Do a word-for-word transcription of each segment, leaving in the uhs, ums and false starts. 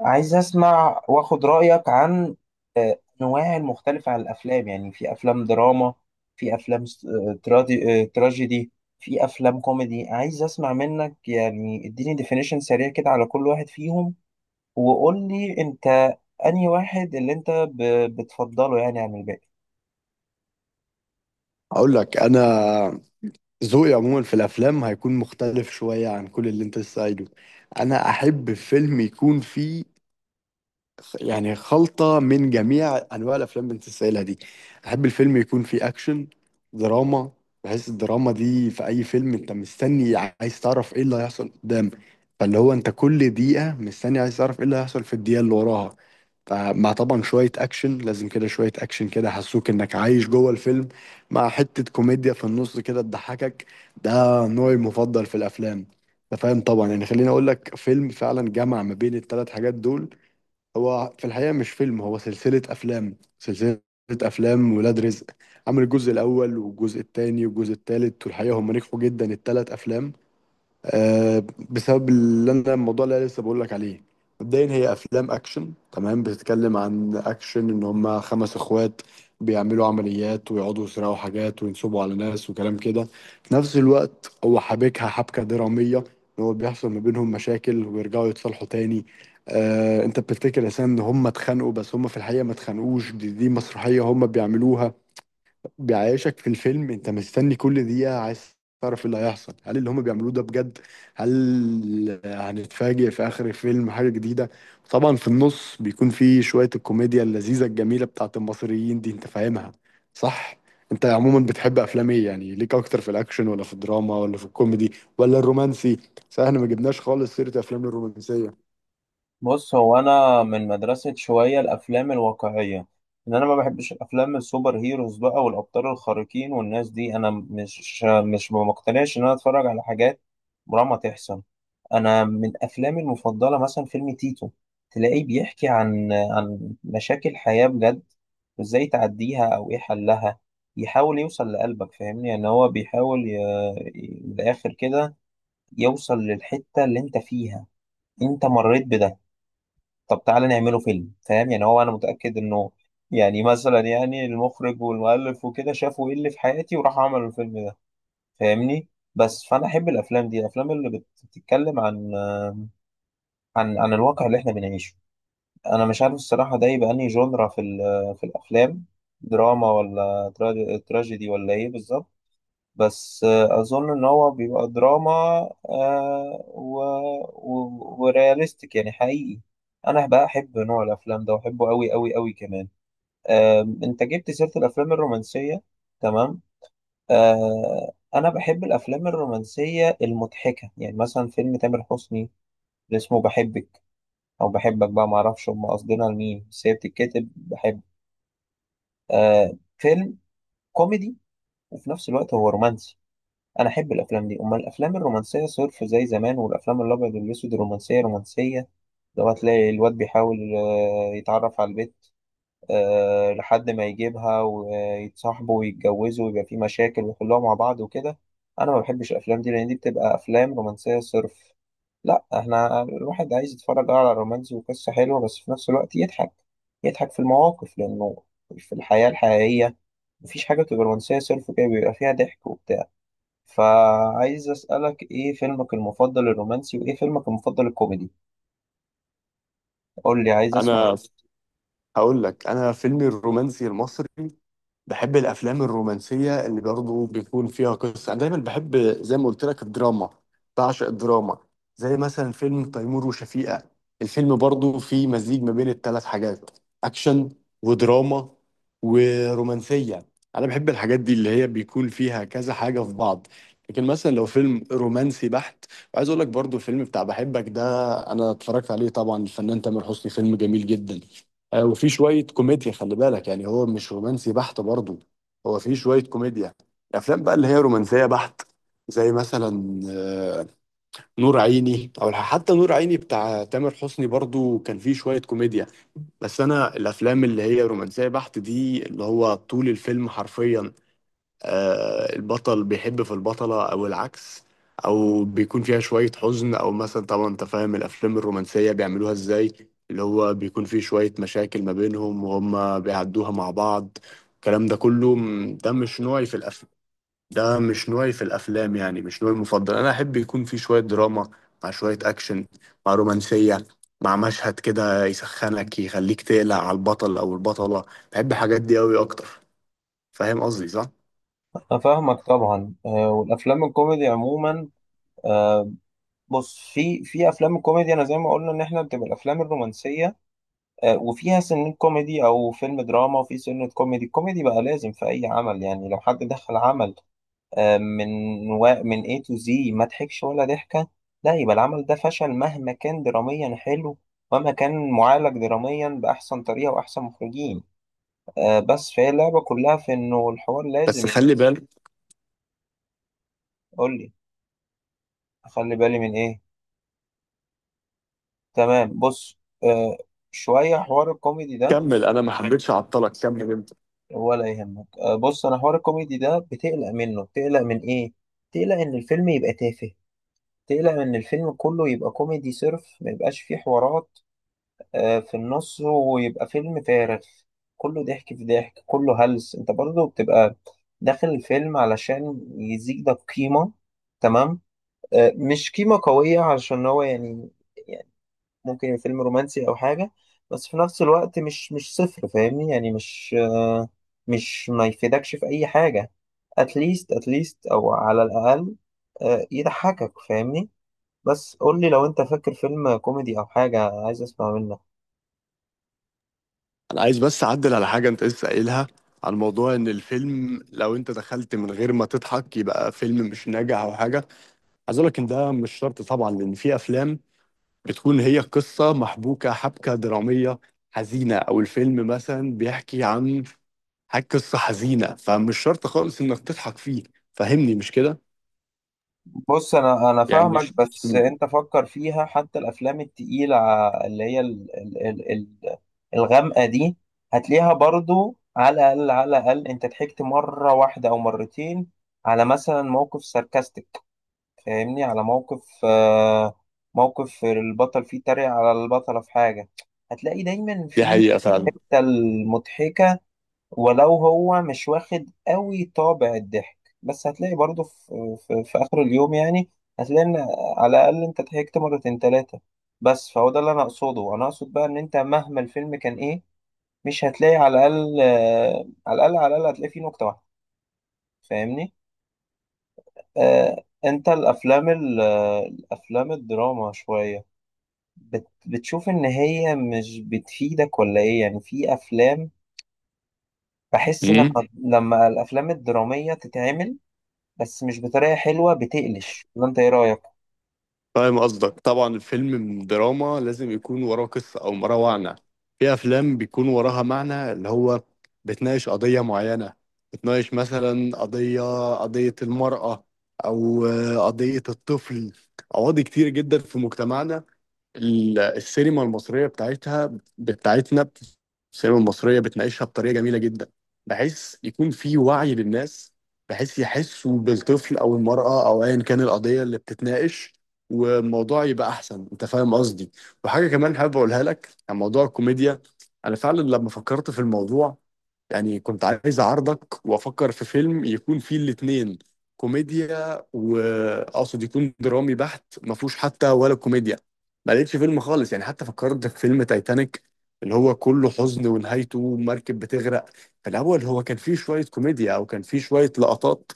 عايز اسمع واخد رأيك عن انواع المختلفة عن الافلام، يعني في افلام دراما، في افلام س- ترادي- تراجيدي، في افلام كوميدي. عايز اسمع منك، يعني اديني ديفينيشن سريع كده على كل واحد فيهم وقول لي انت انهي واحد اللي انت ب- بتفضله يعني عن الباقي. هقول لك انا ذوقي عموما في الافلام هيكون مختلف شويه عن كل اللي انت لسه قايله. انا احب فيلم يكون فيه يعني خلطة من جميع أنواع الأفلام اللي أنت سائلها دي. أحب الفيلم يكون فيه أكشن، دراما، بحيث الدراما دي في أي فيلم أنت مستني عايز تعرف إيه اللي هيحصل قدام، فاللي هو أنت كل دقيقة مستني عايز تعرف إيه اللي هيحصل في الدقيقة اللي وراها، فمع طبعا شوية أكشن، لازم كده شوية أكشن كده حسوك إنك عايش جوه الفيلم، مع حتة كوميديا في النص كده تضحكك. ده نوعي المفضل في الأفلام. أنت فاهم طبعا، يعني خليني أقول لك فيلم فعلا جمع ما بين الثلاث حاجات دول. هو في الحقيقة مش فيلم، هو سلسلة أفلام، سلسلة أفلام ولاد رزق. عمل الجزء الأول والجزء التاني والجزء التالت، والحقيقة هم نجحوا جدا التلات أفلام. آه، بسبب اللي انا الموضوع اللي أنا لسه بقول لك عليه. مبدئيا هي افلام اكشن، تمام، بتتكلم عن اكشن ان هم خمس اخوات بيعملوا عمليات ويقعدوا يسرقوا حاجات وينصبوا على ناس وكلام كده. في نفس الوقت هو حابكها حبكه دراميه، ان هو بيحصل ما بينهم مشاكل ويرجعوا يتصالحوا تاني. آه، انت بتفتكر اساسا ان هم اتخانقوا، بس هم في الحقيقه ما اتخانقوش، دي, دي مسرحيه هم بيعملوها. بيعيشك في الفيلم، انت مستني كل دقيقة عايز تعرف إيه اللي هيحصل، هل اللي هم بيعملوه ده بجد؟ هل هنتفاجئ في اخر الفيلم حاجة جديدة؟ طبعا في النص بيكون في شوية الكوميديا اللذيذة الجميلة بتاعت المصريين دي، انت فاهمها صح؟ انت عموما بتحب افلام ايه؟ يعني ليك اكتر في الاكشن، ولا في الدراما، ولا في الكوميدي، ولا الرومانسي؟ صح، احنا ما جبناش خالص سيرة افلام الرومانسية. بص، هو انا من مدرسة شوية الافلام الواقعية، ان انا ما بحبش الافلام السوبر هيروز بقى والابطال الخارقين والناس دي. انا مش مش ما مقتنعش ان انا اتفرج على حاجات عمرها ما تحصل. انا من افلامي المفضلة مثلا فيلم تيتو، تلاقيه بيحكي عن عن مشاكل حياة بجد، وازاي تعديها او ايه حلها. يحاول يوصل لقلبك، فاهمني؟ يعني هو بيحاول ي... ي- من الاخر كده يوصل للحتة اللي انت فيها، انت مريت بده. طب تعالى نعمله فيلم، فاهم؟ يعني هو انا متأكد انه يعني مثلا، يعني المخرج والمؤلف وكده شافوا ايه اللي في حياتي وراح عملوا الفيلم ده، فاهمني؟ بس فانا احب الافلام دي، الافلام اللي بت- بتتكلم عن عن عن الواقع اللي احنا بنعيشه. انا مش عارف الصراحة ده يبقى انهي جونرا في ال- في الافلام، دراما ولا تراجي- تراجيدي ولا ايه بالظبط؟ بس آه، اظن ان هو بيبقى دراما آه، و... و... ورياليستيك، يعني حقيقي. انا بقى احب نوع الافلام ده واحبه قوي قوي قوي كمان. آم، انت جبت سيرة الافلام الرومانسية، تمام. آه، انا بحب الافلام الرومانسية المضحكة، يعني مثلا فيلم تامر حسني اللي اسمه بحبك او بحبك، بقى معرفش هم قاصدينها لمين، بس هي بتتكتب بحب. آه، فيلم كوميدي وفي نفس الوقت هو رومانسي. انا احب الافلام دي، امال الافلام الرومانسيه صرف زي زمان والافلام الابيض والاسود، الرومانسيه رومانسيه. لو هتلاقي الواد بيحاول آه، يتعرف على البنت آه، لحد ما يجيبها ويتصاحبوا ويتجوزوا ويبقى في مشاكل ويحلوها مع بعض وكده. انا ما بحبش الافلام دي لان دي بتبقى افلام رومانسيه صرف. لا، احنا الواحد عايز يتفرج على رومانسي وقصه حلوه بس في نفس الوقت يضحك، يضحك في المواقف، لانه في الحياه الحقيقيه مفيش حاجه بتبقى رومانسيه صرف كده، بيبقى فيها ضحك وبتاع. فعايز أسألك إيه فيلمك المفضل الرومانسي وإيه فيلمك المفضل الكوميدي؟ قول لي، عايز أسمع. انا هقول لك، انا فيلمي الرومانسي المصري، بحب الافلام الرومانسيه اللي برضه بيكون فيها قصه. انا دايما بحب زي ما قلت لك الدراما، بعشق الدراما. زي مثلا فيلم تيمور وشفيقة، الفيلم برضه فيه مزيج ما بين الثلاث حاجات: اكشن، ودراما، ورومانسيه. انا بحب الحاجات دي اللي هي بيكون فيها كذا حاجه في بعض. لكن مثلا لو فيلم رومانسي بحت، وعايز اقول لك برضه الفيلم بتاع بحبك ده، انا اتفرجت عليه طبعا، الفنان تامر حسني، فيلم جميل جدا. آه، وفي شوية كوميديا، خلي بالك، يعني هو مش رومانسي بحت برضه، هو في شوية كوميديا. الأفلام بقى اللي هي رومانسية بحت، زي مثلا آه، نور عيني، أو حتى نور عيني بتاع تامر حسني برضه كان فيه شوية كوميديا. بس أنا الأفلام اللي هي رومانسية بحت دي، اللي هو طول الفيلم حرفيا آه، البطل بيحب في البطلة أو العكس، أو بيكون فيها شوية حزن، أو مثلا طبعا أنت فاهم الأفلام الرومانسية بيعملوها إزاي، اللي هو بيكون فيه شوية مشاكل ما بينهم وهم بيعدوها مع بعض. الكلام ده كله م- ده مش نوعي في الأفلام، ده مش نوعي في الأفلام، يعني مش نوعي المفضل. أنا أحب يكون فيه شوية دراما، مع شوية أكشن، مع رومانسية، مع مشهد كده يسخنك يخليك تقلق على البطل أو البطلة. بحب الحاجات دي أوي أكتر. فاهم قصدي صح؟ أنا فاهمك طبعا. آه، والأفلام الكوميدي عموما، آه، بص، في في أفلام الكوميدي أنا زي ما قلنا إن إحنا بتبقى الأفلام الرومانسية آه، وفيها سنة كوميدي، أو فيلم دراما وفي سنة كوميدي. الكوميدي بقى لازم في أي عمل. يعني لو حد دخل عمل آه، من و... من إيه تو زي ما ضحكش ولا ضحكة، لا يبقى العمل ده فشل مهما كان دراميا حلو، ومهما كان معالج دراميا بأحسن طريقة وأحسن مخرجين. آه، بس فهي اللعبة كلها في إنه الحوار بس لازم خلي بالك، يقول لي. أخلي بالي من إيه؟ تمام، بص. آه، شوية حوار الكوميدي ده، كمل، انا ما حبيتش اعطلك، كمل انت. ولا يهمك. آه، بص، أنا حوار الكوميدي ده بتقلق منه. بتقلق من إيه؟ بتقلق إن الفيلم يبقى تافه، تقلق إن الفيلم كله يبقى كوميدي صرف ما يبقاش فيه حوارات آه، في النص، ويبقى فيلم فارغ كله ضحك في ضحك كله هلس. انت برضه بتبقى داخل الفيلم علشان يزيد ده قيمة، تمام؟ آه، مش قيمة قوية علشان هو يعني، يعني ممكن يبقى فيلم رومانسي أو حاجة، بس في نفس الوقت مش مش صفر، فاهمني؟ يعني مش آه، مش ما يفيدكش في أي حاجة. اتليست، اتليست أو على الأقل آه، يضحكك، فاهمني؟ بس قولي لو انت فاكر فيلم كوميدي أو حاجة، عايز أسمع منك. انا عايز بس اعدل على حاجه انت لسه قايلها، عن موضوع ان الفيلم لو انت دخلت من غير ما تضحك يبقى فيلم مش ناجح او حاجه. عايز اقول لك ان ده مش شرط طبعا، لان في افلام بتكون هي قصه محبوكه حبكه دراميه حزينه، او الفيلم مثلا بيحكي عن حاجه، قصه حزينه، فمش شرط خالص انك تضحك فيه. فهمني مش كده؟ بص، انا انا يعني فاهمك، بس مم. انت فكر فيها. حتى الافلام التقيله اللي هي ال ال ال ال الغامقه دي، هتلاقيها برضو على الاقل، على الاقل انت ضحكت مره واحده او مرتين على مثلا موقف ساركاستيك، فاهمني؟ على موقف آه، موقف البطل فيه تريق على البطله في حاجه. هتلاقي دايما دي في حقيقه فعلا. الحتة المضحكه، ولو هو مش واخد قوي طابع الضحك بس هتلاقي برضه في, في, في آخر اليوم يعني، هتلاقي إن على الأقل أنت ضحكت مرتين تلاتة. بس فهو ده اللي أنا أقصده. أنا أقصد بقى إن أنت مهما الفيلم كان إيه مش هتلاقي على الأقل آه، على الأقل على الأقل هتلاقي فيه نكتة واحدة، فاهمني؟ آه أنت الأفلام ال- آه، الأفلام الدراما شوية، بت بتشوف إن هي مش بتفيدك ولا إيه؟ يعني في أفلام بحس لما لما الأفلام الدرامية تتعمل بس مش بطريقة حلوة بتقلش، ولا انت ايه رأيك؟ فاهم قصدك طبعا، الفيلم دراما لازم يكون وراه قصة أو وراه معنى. في أفلام بيكون وراها معنى، اللي هو بتناقش قضية معينة، بتناقش مثلا قضية، قضية المرأة، أو آه، قضية الطفل. قواضي كتير جدا في مجتمعنا، ال- السينما المصرية بتاعتها، بتاعتنا، السينما المصرية بتناقشها بطريقة جميلة جدا، بحيث يكون في وعي للناس، بحيث يحسوا بالطفل أو المرأة أو أيا كان القضية اللي بتتناقش، والموضوع يبقى أحسن. أنت فاهم قصدي. وحاجة كمان حابب أقولها لك عن موضوع الكوميديا، أنا فعلا لما فكرت في الموضوع، يعني كنت عايز اعارضك وافكر في فيلم يكون فيه الاتنين، كوميديا، واقصد يكون درامي بحت ما فيهوش حتى ولا كوميديا. ما لقيتش فيلم خالص، يعني حتى فكرت في فيلم تايتانيك، اللي هو كله حزن ونهايته مركب بتغرق، في الاول هو كان فيه شوية كوميديا، او كان فيه شوية لقطات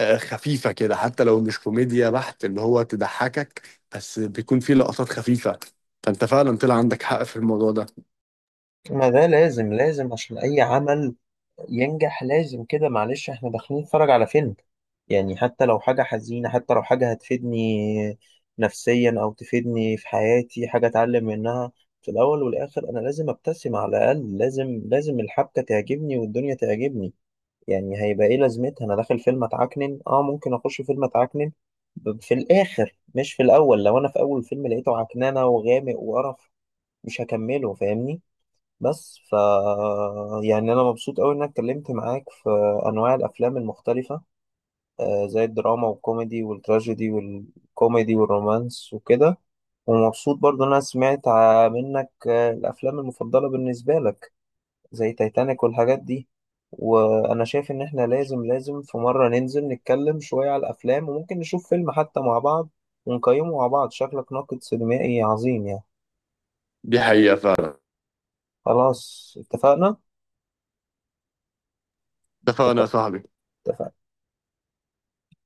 آه، خفيفة كده، حتى لو مش كوميديا بحت اللي هو تضحكك، بس بيكون فيه لقطات خفيفة. فانت فعلا طلع عندك حق في الموضوع ده. ما ده لازم، لازم عشان أي عمل ينجح لازم كده. معلش، احنا داخلين نتفرج على فيلم، يعني حتى لو حاجة حزينة، حتى لو حاجة هتفيدني نفسيا أو تفيدني في حياتي، حاجة أتعلم منها، في الأول والآخر أنا لازم أبتسم على الأقل. لازم لازم الحبكة تعجبني والدنيا تعجبني. يعني هيبقى ايه لازمتها انا داخل فيلم اتعكنن؟ اه ممكن اخش فيلم اتعكنن ب- في الاخر مش في الاول. لو انا في اول فيلم لقيته عكننه وغامق وقرف مش هكمله، فاهمني؟ بس ف يعني انا مبسوط قوي انك اتكلمت معاك في انواع الافلام المختلفه آه، زي الدراما والكوميدي والتراجيدي والكوميدي والرومانس وكده. ومبسوط برضه إن انا سمعت ع- منك آه، الافلام المفضله بالنسبه لك زي تايتانيك والحاجات دي. وانا شايف ان احنا لازم لازم في مرة ننزل نتكلم شوية على الافلام، وممكن نشوف فيلم حتى مع بعض ونقيمه مع بعض. شكلك ناقد سينمائي عظيم يعني. دي حقيقة فعلا. خلاص، اتفقنا. اتفقنا اتفقنا. يا صاحبي. اتفقنا.